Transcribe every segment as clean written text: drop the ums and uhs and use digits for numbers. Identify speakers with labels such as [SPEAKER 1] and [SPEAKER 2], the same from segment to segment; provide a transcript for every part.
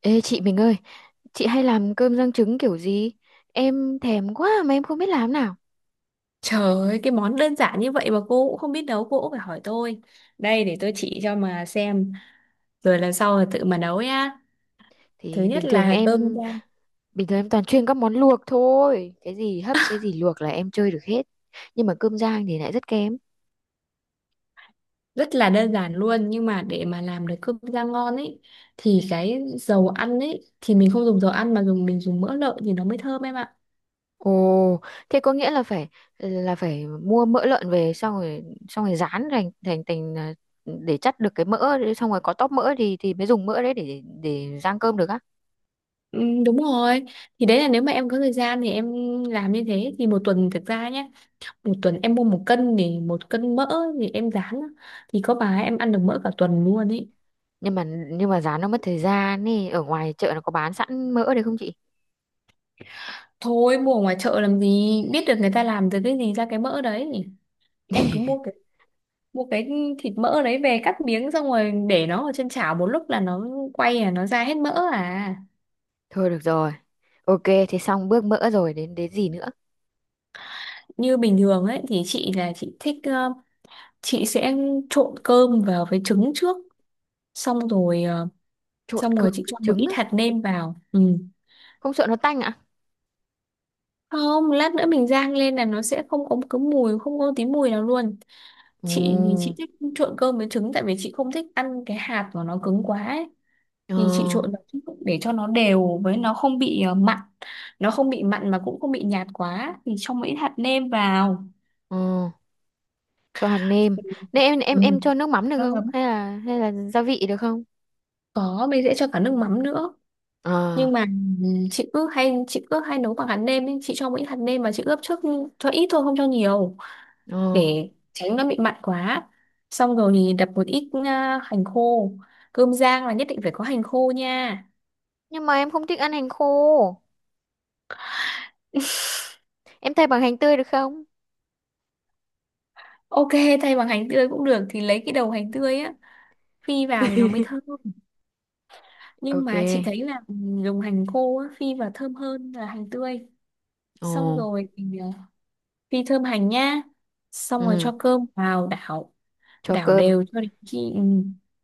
[SPEAKER 1] Ê chị mình ơi, chị hay làm cơm rang trứng kiểu gì? Em thèm quá mà em không biết làm nào.
[SPEAKER 2] Trời ơi, cái món đơn giản như vậy mà cô cũng không biết nấu, cô cũng phải hỏi tôi. Đây để tôi chỉ cho mà xem, rồi lần sau là tự mà nấu nhá. Thứ
[SPEAKER 1] Thì
[SPEAKER 2] nhất là cơm rang,
[SPEAKER 1] bình thường em toàn chuyên các món luộc thôi. Cái gì hấp, cái gì luộc là em chơi được hết. Nhưng mà cơm rang thì lại rất kém.
[SPEAKER 2] rất là đơn giản luôn, nhưng mà để mà làm được cơm rang ngon ấy thì cái dầu ăn ấy thì mình không dùng dầu ăn mà mình dùng mỡ lợn thì nó mới thơm em ạ.
[SPEAKER 1] Ồ, thế có nghĩa là phải mua mỡ lợn về xong rồi rán thành thành thành à, để chắt được cái mỡ đấy, xong rồi có tóp mỡ thì mới dùng mỡ đấy để rang cơm được á.
[SPEAKER 2] Ừ, đúng rồi. Thì đấy là nếu mà em có thời gian thì em làm như thế thì một tuần thực ra nhé, một tuần em mua một cân thì một cân mỡ thì em rán á, thì có bà em ăn được mỡ cả tuần luôn ấy.
[SPEAKER 1] Nhưng mà nhưng mà rán nó mất thời gian ấy, ở ngoài chợ nó có bán sẵn mỡ đấy không chị?
[SPEAKER 2] Thôi mua ở ngoài chợ làm gì biết được người ta làm từ cái gì ra cái mỡ đấy, em cứ mua cái mua cái thịt mỡ đấy về cắt miếng xong rồi để nó ở trên chảo một lúc là nó quay à nó ra hết mỡ à.
[SPEAKER 1] Thôi được rồi. Ok, thế xong bước mỡ rồi, đến đến gì nữa?
[SPEAKER 2] Như bình thường ấy thì chị thích, chị sẽ trộn cơm vào với trứng trước, xong rồi ờ,
[SPEAKER 1] Trộn
[SPEAKER 2] xong
[SPEAKER 1] cơm
[SPEAKER 2] rồi chị
[SPEAKER 1] với
[SPEAKER 2] cho một
[SPEAKER 1] trứng
[SPEAKER 2] ít
[SPEAKER 1] á,
[SPEAKER 2] hạt nêm vào. Ừ,
[SPEAKER 1] không sợ nó tanh ạ?
[SPEAKER 2] không, lát nữa mình rang lên là nó sẽ không có cái mùi, không có tí mùi nào luôn. Chị thì chị
[SPEAKER 1] Ừ.
[SPEAKER 2] thích trộn cơm với trứng tại vì chị không thích ăn cái hạt của nó cứng quá ấy,
[SPEAKER 1] Ờ,
[SPEAKER 2] thì chị trộn vào chút để cho nó đều, với nó không bị mặn, nó không bị mặn mà cũng không bị nhạt quá thì cho mỗi hạt nêm vào.
[SPEAKER 1] ờ, cho hạt nêm. Nên em em
[SPEAKER 2] Ừ.
[SPEAKER 1] em cho nước mắm được
[SPEAKER 2] Cho
[SPEAKER 1] không?
[SPEAKER 2] lắm.
[SPEAKER 1] Hay là gia vị được không?
[SPEAKER 2] Có, mình sẽ cho cả nước mắm nữa,
[SPEAKER 1] Ờ,
[SPEAKER 2] nhưng mà chị cứ hay nấu bằng hạt nêm ấy. Chị cho mỗi hạt nêm mà chị ướp trước, cho ít thôi không cho nhiều
[SPEAKER 1] ờ.
[SPEAKER 2] để tránh nó bị mặn quá. Xong rồi thì đập một ít hành khô. Cơm rang là nhất định phải có hành khô nha.
[SPEAKER 1] Nhưng mà em không thích ăn hành khô. Em thay bằng hành tươi được không?
[SPEAKER 2] Ok, thay bằng hành tươi cũng được, thì lấy cái đầu hành tươi á, phi vào thì nó mới thơm. Nhưng mà chị
[SPEAKER 1] Ok.
[SPEAKER 2] thấy là dùng hành khô á, phi vào thơm hơn là hành tươi.
[SPEAKER 1] Ồ,
[SPEAKER 2] Xong rồi mình phi thơm hành nhá, xong rồi
[SPEAKER 1] ừ,
[SPEAKER 2] cho cơm vào đảo,
[SPEAKER 1] cho
[SPEAKER 2] đảo
[SPEAKER 1] cơm.
[SPEAKER 2] đều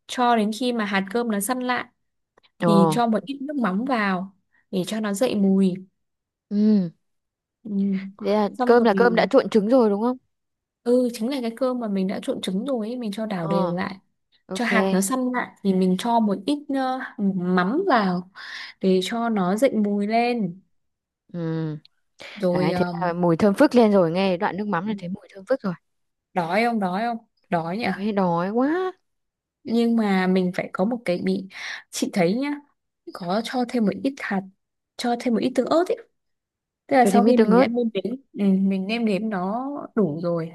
[SPEAKER 2] cho đến khi mà hạt cơm nó săn lại
[SPEAKER 1] Ồ,
[SPEAKER 2] thì cho một ít nước mắm vào để cho nó dậy mùi.
[SPEAKER 1] ừ.
[SPEAKER 2] Ừ.
[SPEAKER 1] Thế là
[SPEAKER 2] Xong
[SPEAKER 1] cơm
[SPEAKER 2] rồi,
[SPEAKER 1] là cơm đã trộn trứng rồi đúng không?
[SPEAKER 2] ừ chính là cái cơm mà mình đã trộn trứng rồi ấy, mình cho đảo đều
[SPEAKER 1] Ờ,
[SPEAKER 2] lại, cho
[SPEAKER 1] ok.
[SPEAKER 2] hạt nó săn lại thì mình cho một ít mắm vào để cho nó dậy mùi lên.
[SPEAKER 1] Ừ.
[SPEAKER 2] Rồi,
[SPEAKER 1] Đấy, thế là mùi thơm phức lên rồi, nghe đoạn nước mắm là thấy mùi thơm phức rồi.
[SPEAKER 2] đói không, đói không, đói nhỉ.
[SPEAKER 1] Ôi, đói quá.
[SPEAKER 2] Nhưng mà mình phải có một cái bị, chị thấy nhá, có cho thêm một ít tương ớt ấy, tức là
[SPEAKER 1] Cho
[SPEAKER 2] sau
[SPEAKER 1] thêm ít
[SPEAKER 2] khi
[SPEAKER 1] tương
[SPEAKER 2] mình đã
[SPEAKER 1] ớt.
[SPEAKER 2] mình nêm nếm nó đủ rồi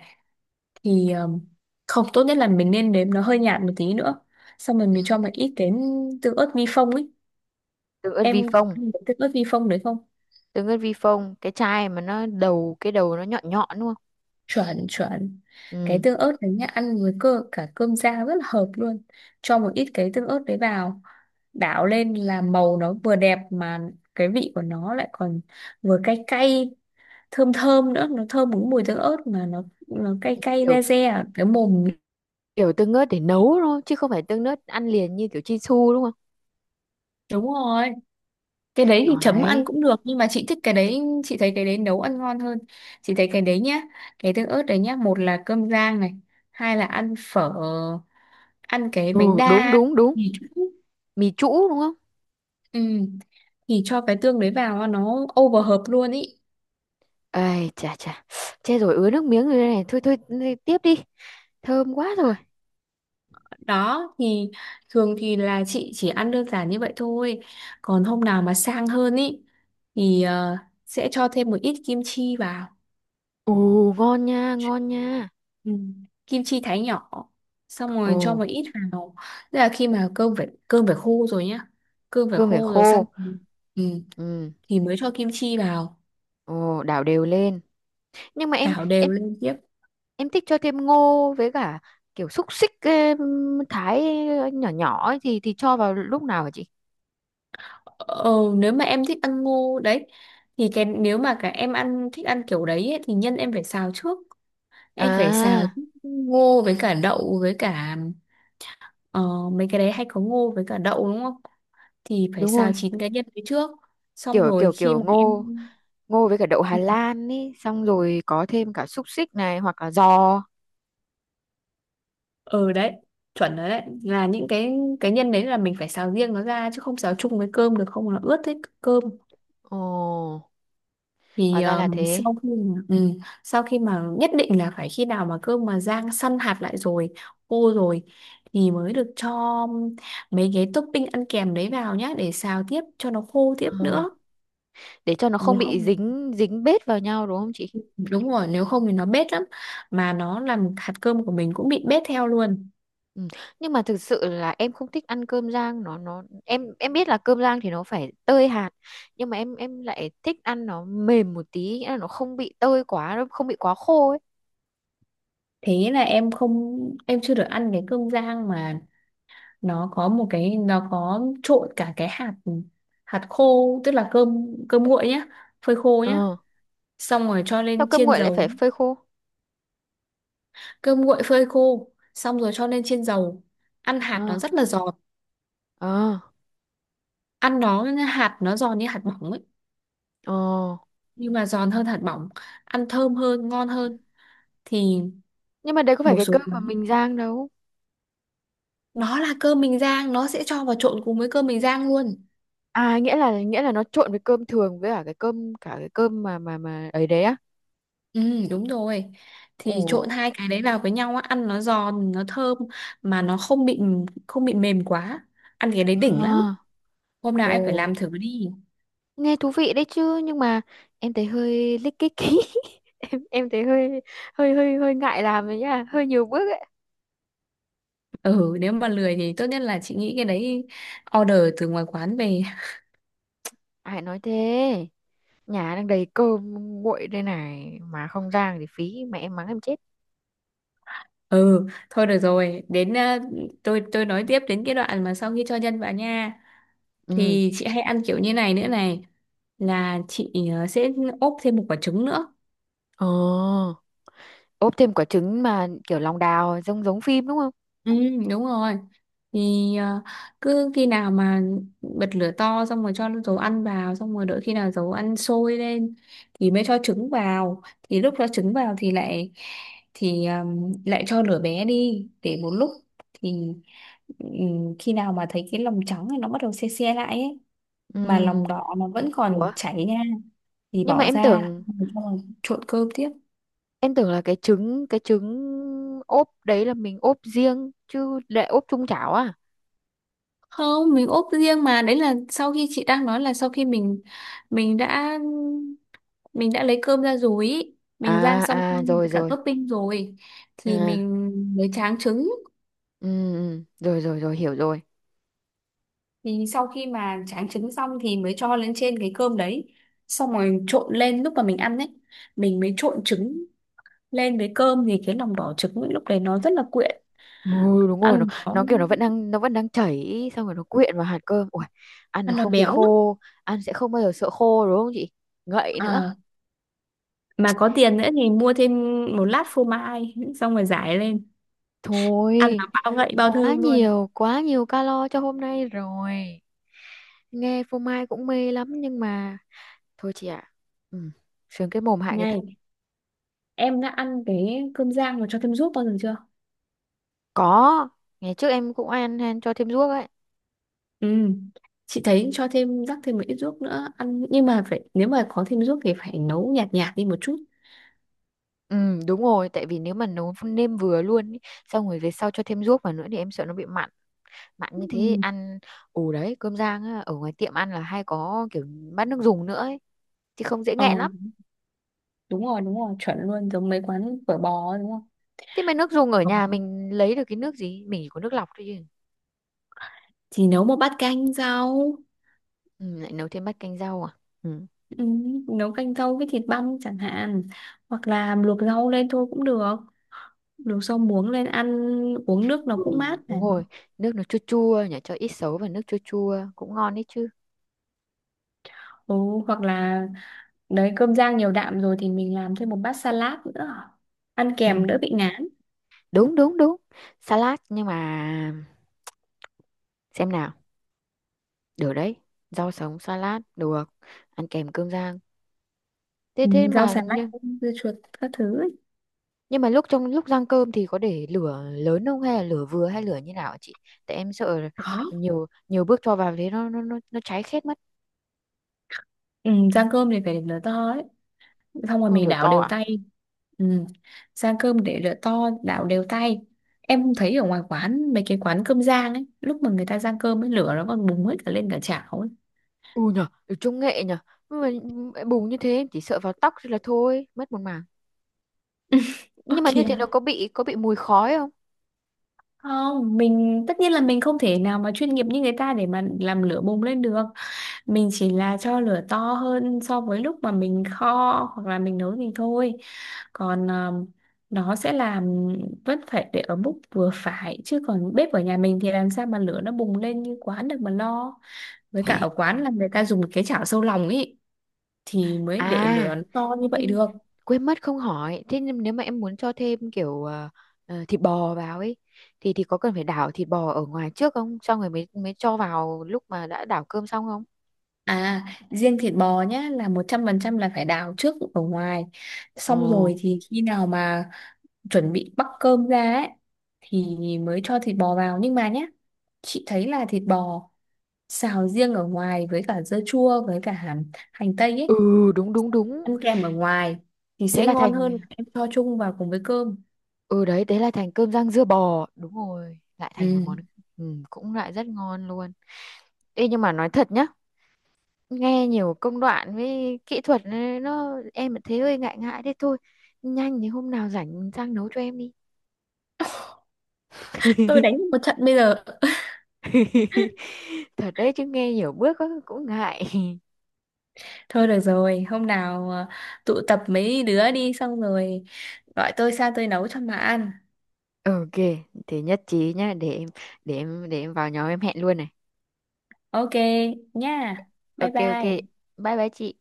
[SPEAKER 2] thì không, tốt nhất là mình nên nếm nó hơi nhạt một tí nữa, xong rồi mình cho một ít cái tương ớt vi phong ấy.
[SPEAKER 1] Tương ớt vi
[SPEAKER 2] Em có
[SPEAKER 1] phong.
[SPEAKER 2] ăn cái tương ớt vi phong đấy không?
[SPEAKER 1] Tương ớt vi phong, cái chai mà nó đầu, cái đầu nó nhọn nhọn đúng không.
[SPEAKER 2] Chuẩn, chuẩn. Cái
[SPEAKER 1] Ừ.
[SPEAKER 2] tương ớt đấy nhá, ăn với cơ cả cơm rang rất là hợp luôn. Cho một ít cái tương ớt đấy vào đảo lên là màu nó vừa đẹp, mà cái vị của nó lại còn vừa cay cay, thơm thơm nữa. Nó thơm một cái mùi tương ớt mà nó cay cay
[SPEAKER 1] Kiểu,
[SPEAKER 2] re re ở cái mồm.
[SPEAKER 1] kiểu tương ớt để nấu thôi chứ không phải tương ớt ăn liền như kiểu Chinsu đúng không.
[SPEAKER 2] Đúng rồi. Cái đấy thì
[SPEAKER 1] Ngon
[SPEAKER 2] chấm
[SPEAKER 1] đấy.
[SPEAKER 2] ăn cũng được nhưng mà chị thích cái đấy, chị thấy cái đấy nấu ăn ngon hơn. Chị thấy cái đấy nhá, cái tương ớt đấy nhá, một là cơm rang này, hai là ăn phở, ăn cái bánh
[SPEAKER 1] Ừ, đúng
[SPEAKER 2] đa.
[SPEAKER 1] đúng đúng.
[SPEAKER 2] Ừ.
[SPEAKER 1] Mì trũ đúng không.
[SPEAKER 2] Ừ, thì cho cái tương đấy vào nó over hợp luôn ý.
[SPEAKER 1] Ơi chà chà, chết rồi, ứa nước miếng rồi đây này, thôi thôi tiếp đi, thơm quá rồi.
[SPEAKER 2] Đó thì thường thì là chị chỉ ăn đơn giản như vậy thôi. Còn hôm nào mà sang hơn ý thì sẽ cho thêm một ít kim chi vào.
[SPEAKER 1] Ồ, ngon nha ngon nha.
[SPEAKER 2] Ừ. Kim chi thái nhỏ, xong
[SPEAKER 1] Ồ.
[SPEAKER 2] rồi cho một ít vào, tức là khi mà cơm phải khô rồi nhá. Cơm phải
[SPEAKER 1] Cơm phải
[SPEAKER 2] khô rồi xong.
[SPEAKER 1] khô.
[SPEAKER 2] Ừ.
[SPEAKER 1] Ừ.
[SPEAKER 2] Thì mới cho kim chi vào,
[SPEAKER 1] Ồ, đảo đều lên. Nhưng mà
[SPEAKER 2] đảo đều
[SPEAKER 1] em
[SPEAKER 2] lên tiếp.
[SPEAKER 1] em thích cho thêm ngô với cả kiểu xúc xích em, thái nhỏ nhỏ ấy, thì cho vào lúc nào hả chị?
[SPEAKER 2] Ờ, nếu mà em thích ăn ngô đấy thì cái, nếu mà cả em ăn thích ăn kiểu đấy ấy, thì nhân em phải xào trước. Em phải xào
[SPEAKER 1] À,
[SPEAKER 2] ngô với cả đậu, với cả ờ, mấy cái đấy hay có ngô với cả đậu đúng không, thì phải
[SPEAKER 1] đúng
[SPEAKER 2] xào
[SPEAKER 1] rồi.
[SPEAKER 2] chín cái nhân đấy trước, xong
[SPEAKER 1] kiểu
[SPEAKER 2] rồi
[SPEAKER 1] kiểu
[SPEAKER 2] khi
[SPEAKER 1] kiểu
[SPEAKER 2] mà em,
[SPEAKER 1] ngô, ngô với cả đậu Hà
[SPEAKER 2] ừ,
[SPEAKER 1] Lan ý, xong rồi có thêm cả xúc xích này hoặc là giò.
[SPEAKER 2] ừ, đấy, chuẩn rồi. Đấy là những cái nhân đấy là mình phải xào riêng nó ra chứ không xào chung với cơm được, không là ướt hết cơm.
[SPEAKER 1] Ồ, hóa
[SPEAKER 2] Thì
[SPEAKER 1] ra là thế.
[SPEAKER 2] ừ, sau khi mà, nhất định là phải khi nào mà cơm mà rang săn hạt lại rồi, khô rồi thì mới được cho mấy cái topping ăn kèm đấy vào nhá, để xào tiếp cho nó khô tiếp
[SPEAKER 1] Ờ,
[SPEAKER 2] nữa.
[SPEAKER 1] để cho nó không
[SPEAKER 2] Nếu
[SPEAKER 1] bị
[SPEAKER 2] không,
[SPEAKER 1] dính dính bết vào nhau đúng không chị?
[SPEAKER 2] đúng rồi, nếu không thì nó bết lắm, mà nó làm hạt cơm của mình cũng bị bết theo luôn.
[SPEAKER 1] Ừ. Nhưng mà thực sự là em không thích ăn cơm rang, nó em biết là cơm rang thì nó phải tơi hạt, nhưng mà em lại thích ăn nó mềm một tí, nghĩa là nó không bị tơi quá, nó không bị quá khô ấy.
[SPEAKER 2] Thế là em không em chưa được ăn cái cơm rang mà, nó có trộn cả cái hạt hạt khô, tức là cơm cơm nguội nhá, phơi khô nhá,
[SPEAKER 1] Ờ.
[SPEAKER 2] xong rồi cho
[SPEAKER 1] Sao
[SPEAKER 2] lên
[SPEAKER 1] cơm
[SPEAKER 2] chiên
[SPEAKER 1] nguội lại
[SPEAKER 2] dầu.
[SPEAKER 1] phải phơi khô?
[SPEAKER 2] Cơm nguội phơi khô xong rồi cho lên chiên dầu, ăn hạt nó
[SPEAKER 1] Ờ.
[SPEAKER 2] rất là giòn.
[SPEAKER 1] Ờ.
[SPEAKER 2] Ăn nó, hạt nó giòn như hạt bỏng ấy,
[SPEAKER 1] Ờ.
[SPEAKER 2] nhưng mà giòn hơn hạt bỏng, ăn thơm hơn, ngon hơn. Thì
[SPEAKER 1] Nhưng mà đấy có phải
[SPEAKER 2] một
[SPEAKER 1] cái
[SPEAKER 2] số
[SPEAKER 1] cơm mà
[SPEAKER 2] quán
[SPEAKER 1] mình rang đâu.
[SPEAKER 2] nó là cơm bình rang, nó sẽ cho vào trộn cùng với cơm bình rang luôn.
[SPEAKER 1] À, nghĩa là nó trộn với cơm thường với cả cái cơm, cả cái cơm mà mà ấy đấy á.
[SPEAKER 2] Ừ, đúng rồi.
[SPEAKER 1] Ồ.
[SPEAKER 2] Thì trộn hai cái đấy vào với nhau á, ăn nó giòn, nó thơm mà nó không bị, không bị mềm quá. Ăn cái đấy đỉnh lắm.
[SPEAKER 1] À.
[SPEAKER 2] Hôm nào
[SPEAKER 1] Ồ,
[SPEAKER 2] em phải làm thử đi.
[SPEAKER 1] nghe thú vị đấy chứ, nhưng mà em thấy hơi lích kích ý. Em thấy hơi hơi ngại làm đấy nhá, hơi nhiều bước ấy.
[SPEAKER 2] Ừ, nếu mà lười thì tốt nhất là chị nghĩ cái đấy order từ ngoài quán về.
[SPEAKER 1] Ai nói thế, nhà đang đầy cơm nguội đây này mà không rang thì phí, mẹ em mắng em chết.
[SPEAKER 2] Ừ, thôi được rồi, đến tôi nói tiếp đến cái đoạn mà sau khi cho nhân vào nha.
[SPEAKER 1] Ừ.
[SPEAKER 2] Thì chị hay ăn kiểu như này nữa này, là chị sẽ ốp thêm một quả trứng nữa.
[SPEAKER 1] Ờ, ốp thêm quả trứng mà kiểu lòng đào, giống giống phim đúng không.
[SPEAKER 2] Ừ, đúng rồi. Thì cứ khi nào mà bật lửa to xong rồi cho dầu ăn vào, xong rồi đợi khi nào dầu ăn sôi lên thì mới cho trứng vào. Thì lúc cho trứng vào thì lại, thì à, lại cho lửa bé đi để một lúc, thì ừ, khi nào mà thấy cái lòng trắng này nó bắt đầu se se lại ấy,
[SPEAKER 1] Ừ.
[SPEAKER 2] mà lòng đỏ nó vẫn còn
[SPEAKER 1] Ủa,
[SPEAKER 2] chảy nha, thì
[SPEAKER 1] nhưng mà
[SPEAKER 2] bỏ
[SPEAKER 1] em
[SPEAKER 2] ra.
[SPEAKER 1] tưởng,
[SPEAKER 2] Xong rồi trộn cơm tiếp.
[SPEAKER 1] em tưởng là cái trứng ốp đấy là mình ốp riêng, chứ lại ốp chung chảo à?
[SPEAKER 2] Không, mình ốp riêng, mà đấy là sau khi chị đang nói là sau khi mình đã mình đã lấy cơm ra rồi ý. Mình rang
[SPEAKER 1] À
[SPEAKER 2] xong
[SPEAKER 1] à,
[SPEAKER 2] cơm
[SPEAKER 1] rồi
[SPEAKER 2] với cả
[SPEAKER 1] rồi.
[SPEAKER 2] topping rồi thì
[SPEAKER 1] À.
[SPEAKER 2] mình mới tráng trứng.
[SPEAKER 1] Ừ, ừ, rồi rồi rồi, hiểu rồi.
[SPEAKER 2] Thì sau khi mà tráng trứng xong thì mới cho lên trên cái cơm đấy, xong rồi trộn lên, lúc mà mình ăn ấy, mình mới trộn trứng lên với cơm, thì cái lòng đỏ trứng ấy, lúc đấy nó rất là quyện.
[SPEAKER 1] Ừ, đúng rồi. nó
[SPEAKER 2] ăn nó
[SPEAKER 1] nó kiểu nó vẫn đang nó vẫn đang chảy xong rồi nó quyện vào hạt cơm. Ui, ăn nó
[SPEAKER 2] ăn nó
[SPEAKER 1] không bị
[SPEAKER 2] béo lắm.
[SPEAKER 1] khô, ăn sẽ không bao giờ sợ khô đúng không chị? Ngậy nữa.
[SPEAKER 2] À, mà có tiền nữa thì mua thêm một lát phô mai, xong rồi rải lên, ăn nó
[SPEAKER 1] Thôi,
[SPEAKER 2] bao ngậy bao thơm luôn.
[SPEAKER 1] quá nhiều calo cho hôm nay rồi. Nghe phô mai cũng mê lắm nhưng mà thôi chị ạ. Ừ, sướng cái mồm hại cái thân.
[SPEAKER 2] Này, em đã ăn cái cơm rang mà cho thêm ruốc bao giờ chưa?
[SPEAKER 1] Có, ngày trước em cũng ăn, ăn cho thêm ruốc ấy.
[SPEAKER 2] Ừ, chị thấy cho thêm, rắc thêm một ít ruốc nữa ăn, nhưng mà phải, nếu mà có thêm ruốc thì phải nấu nhạt nhạt đi một chút.
[SPEAKER 1] Ừ, đúng rồi, tại vì nếu mà nấu nêm vừa luôn ý, xong rồi về sau cho thêm ruốc vào nữa thì em sợ nó bị mặn. Mặn như thế
[SPEAKER 2] Ừ.
[SPEAKER 1] ăn. Ù, đấy, cơm rang á, ở ngoài tiệm ăn là hay có kiểu bát nước dùng nữa ấy thì không dễ
[SPEAKER 2] Ờ,
[SPEAKER 1] nghẹn lắm.
[SPEAKER 2] đúng rồi, đúng rồi, chuẩn luôn, giống mấy quán phở bò đúng không?
[SPEAKER 1] Thế mà nước dùng ở
[SPEAKER 2] Phở
[SPEAKER 1] nhà
[SPEAKER 2] bò.
[SPEAKER 1] mình lấy được cái nước gì, mình chỉ có nước lọc thôi chứ.
[SPEAKER 2] Thì nấu một bát canh rau.
[SPEAKER 1] Ừ, lại nấu thêm bát canh rau à. Ừ.
[SPEAKER 2] ừ, Nấu canh rau với thịt băm chẳng hạn, hoặc là luộc rau lên thôi cũng được, luộc rau muống lên ăn, uống nước nó
[SPEAKER 1] Ừ.
[SPEAKER 2] cũng mát
[SPEAKER 1] Đúng
[SPEAKER 2] này.
[SPEAKER 1] rồi, nước nó chua chua nhỉ, cho ít sấu và nước chua chua cũng ngon đấy chứ.
[SPEAKER 2] Ừ, hoặc là, đấy, cơm rang nhiều đạm rồi thì mình làm thêm một bát salad nữa, ăn
[SPEAKER 1] Ừ.
[SPEAKER 2] kèm đỡ bị ngán.
[SPEAKER 1] Đúng đúng đúng. Salad nhưng mà, xem nào, được đấy, rau sống salad được, ăn kèm cơm rang. Thế
[SPEAKER 2] Ừ,
[SPEAKER 1] thế
[SPEAKER 2] rau
[SPEAKER 1] mà
[SPEAKER 2] xà lách,
[SPEAKER 1] như.
[SPEAKER 2] dưa chuột các thứ ấy.
[SPEAKER 1] Nhưng mà lúc, trong lúc rang cơm thì có để lửa lớn không hay là lửa vừa hay lửa như nào hả chị? Tại em sợ
[SPEAKER 2] Có.
[SPEAKER 1] nhiều nhiều bước cho vào thế nó cháy khét mất.
[SPEAKER 2] Ừ, rang cơm thì phải lửa to ấy, xong rồi
[SPEAKER 1] Ừ,
[SPEAKER 2] mình
[SPEAKER 1] lửa
[SPEAKER 2] đảo
[SPEAKER 1] to
[SPEAKER 2] đều
[SPEAKER 1] à?
[SPEAKER 2] tay. Ừ. Rang cơm để lửa to, đảo đều tay. Em thấy ở ngoài quán, mấy cái quán cơm rang ấy, lúc mà người ta rang cơm ấy, lửa nó còn bùng hết cả lên cả chảo ấy.
[SPEAKER 1] Ừ nhờ, lửa công nghệ nhờ. Nhưng mà bùng như thế em chỉ sợ vào tóc thôi là thôi, mất một mảng.
[SPEAKER 2] Ơ
[SPEAKER 1] Nhưng mà như thế
[SPEAKER 2] kìa.
[SPEAKER 1] nó có bị mùi khói không?
[SPEAKER 2] Không, mình tất nhiên là mình không thể nào mà chuyên nghiệp như người ta để mà làm lửa bùng lên được. Mình chỉ là cho lửa to hơn so với lúc mà mình kho hoặc là mình nấu thì thôi. Còn nó sẽ làm, vẫn phải để ở mức vừa phải, chứ còn bếp ở nhà mình thì làm sao mà lửa nó bùng lên như quán được mà lo. Với cả ở quán là người ta dùng cái chảo sâu lòng ấy thì mới để
[SPEAKER 1] À,
[SPEAKER 2] lửa nó to như vậy
[SPEAKER 1] nhưng
[SPEAKER 2] được.
[SPEAKER 1] quên mất không hỏi. Thế nhưng nếu mà em muốn cho thêm kiểu thịt bò vào ấy thì có cần phải đảo thịt bò ở ngoài trước không? Xong rồi mới mới cho vào lúc mà đã đảo cơm xong không?
[SPEAKER 2] À, riêng thịt bò nhá, là 100% là phải đào trước ở ngoài.
[SPEAKER 1] Ồ.
[SPEAKER 2] Xong rồi thì khi nào mà chuẩn bị bắc cơm ra ấy thì mới cho thịt bò vào. Nhưng mà nhá, chị thấy là thịt bò xào riêng ở ngoài với cả dưa chua với cả hành, hành tây ấy,
[SPEAKER 1] Ừ, đúng đúng đúng.
[SPEAKER 2] ăn kèm ở ngoài thì
[SPEAKER 1] Thế
[SPEAKER 2] sẽ
[SPEAKER 1] là
[SPEAKER 2] ngon
[SPEAKER 1] thành.
[SPEAKER 2] hơn là em cho chung vào cùng với cơm.
[SPEAKER 1] Ừ đấy, thế là thành cơm rang dưa bò. Đúng rồi, lại thành một
[SPEAKER 2] Ừ.
[SPEAKER 1] món. Ừ, cũng lại rất ngon luôn. Ê nhưng mà nói thật nhá, nghe nhiều công đoạn với kỹ thuật ấy, nó, em thấy hơi ngại ngại thế thôi. Nhanh thì hôm nào rảnh sang nấu cho em đi.
[SPEAKER 2] Tôi đánh một trận bây giờ.
[SPEAKER 1] Thật đấy chứ, nghe nhiều bước á, cũng ngại.
[SPEAKER 2] Thôi được rồi, hôm nào tụ tập mấy đứa đi, xong rồi gọi tôi sang tôi nấu cho mà ăn.
[SPEAKER 1] Ok, thế nhất trí nhá. Để em, để em vào nhóm em hẹn luôn này.
[SPEAKER 2] Ok nha. Bye
[SPEAKER 1] Ok ok,
[SPEAKER 2] bye.
[SPEAKER 1] bye bye chị.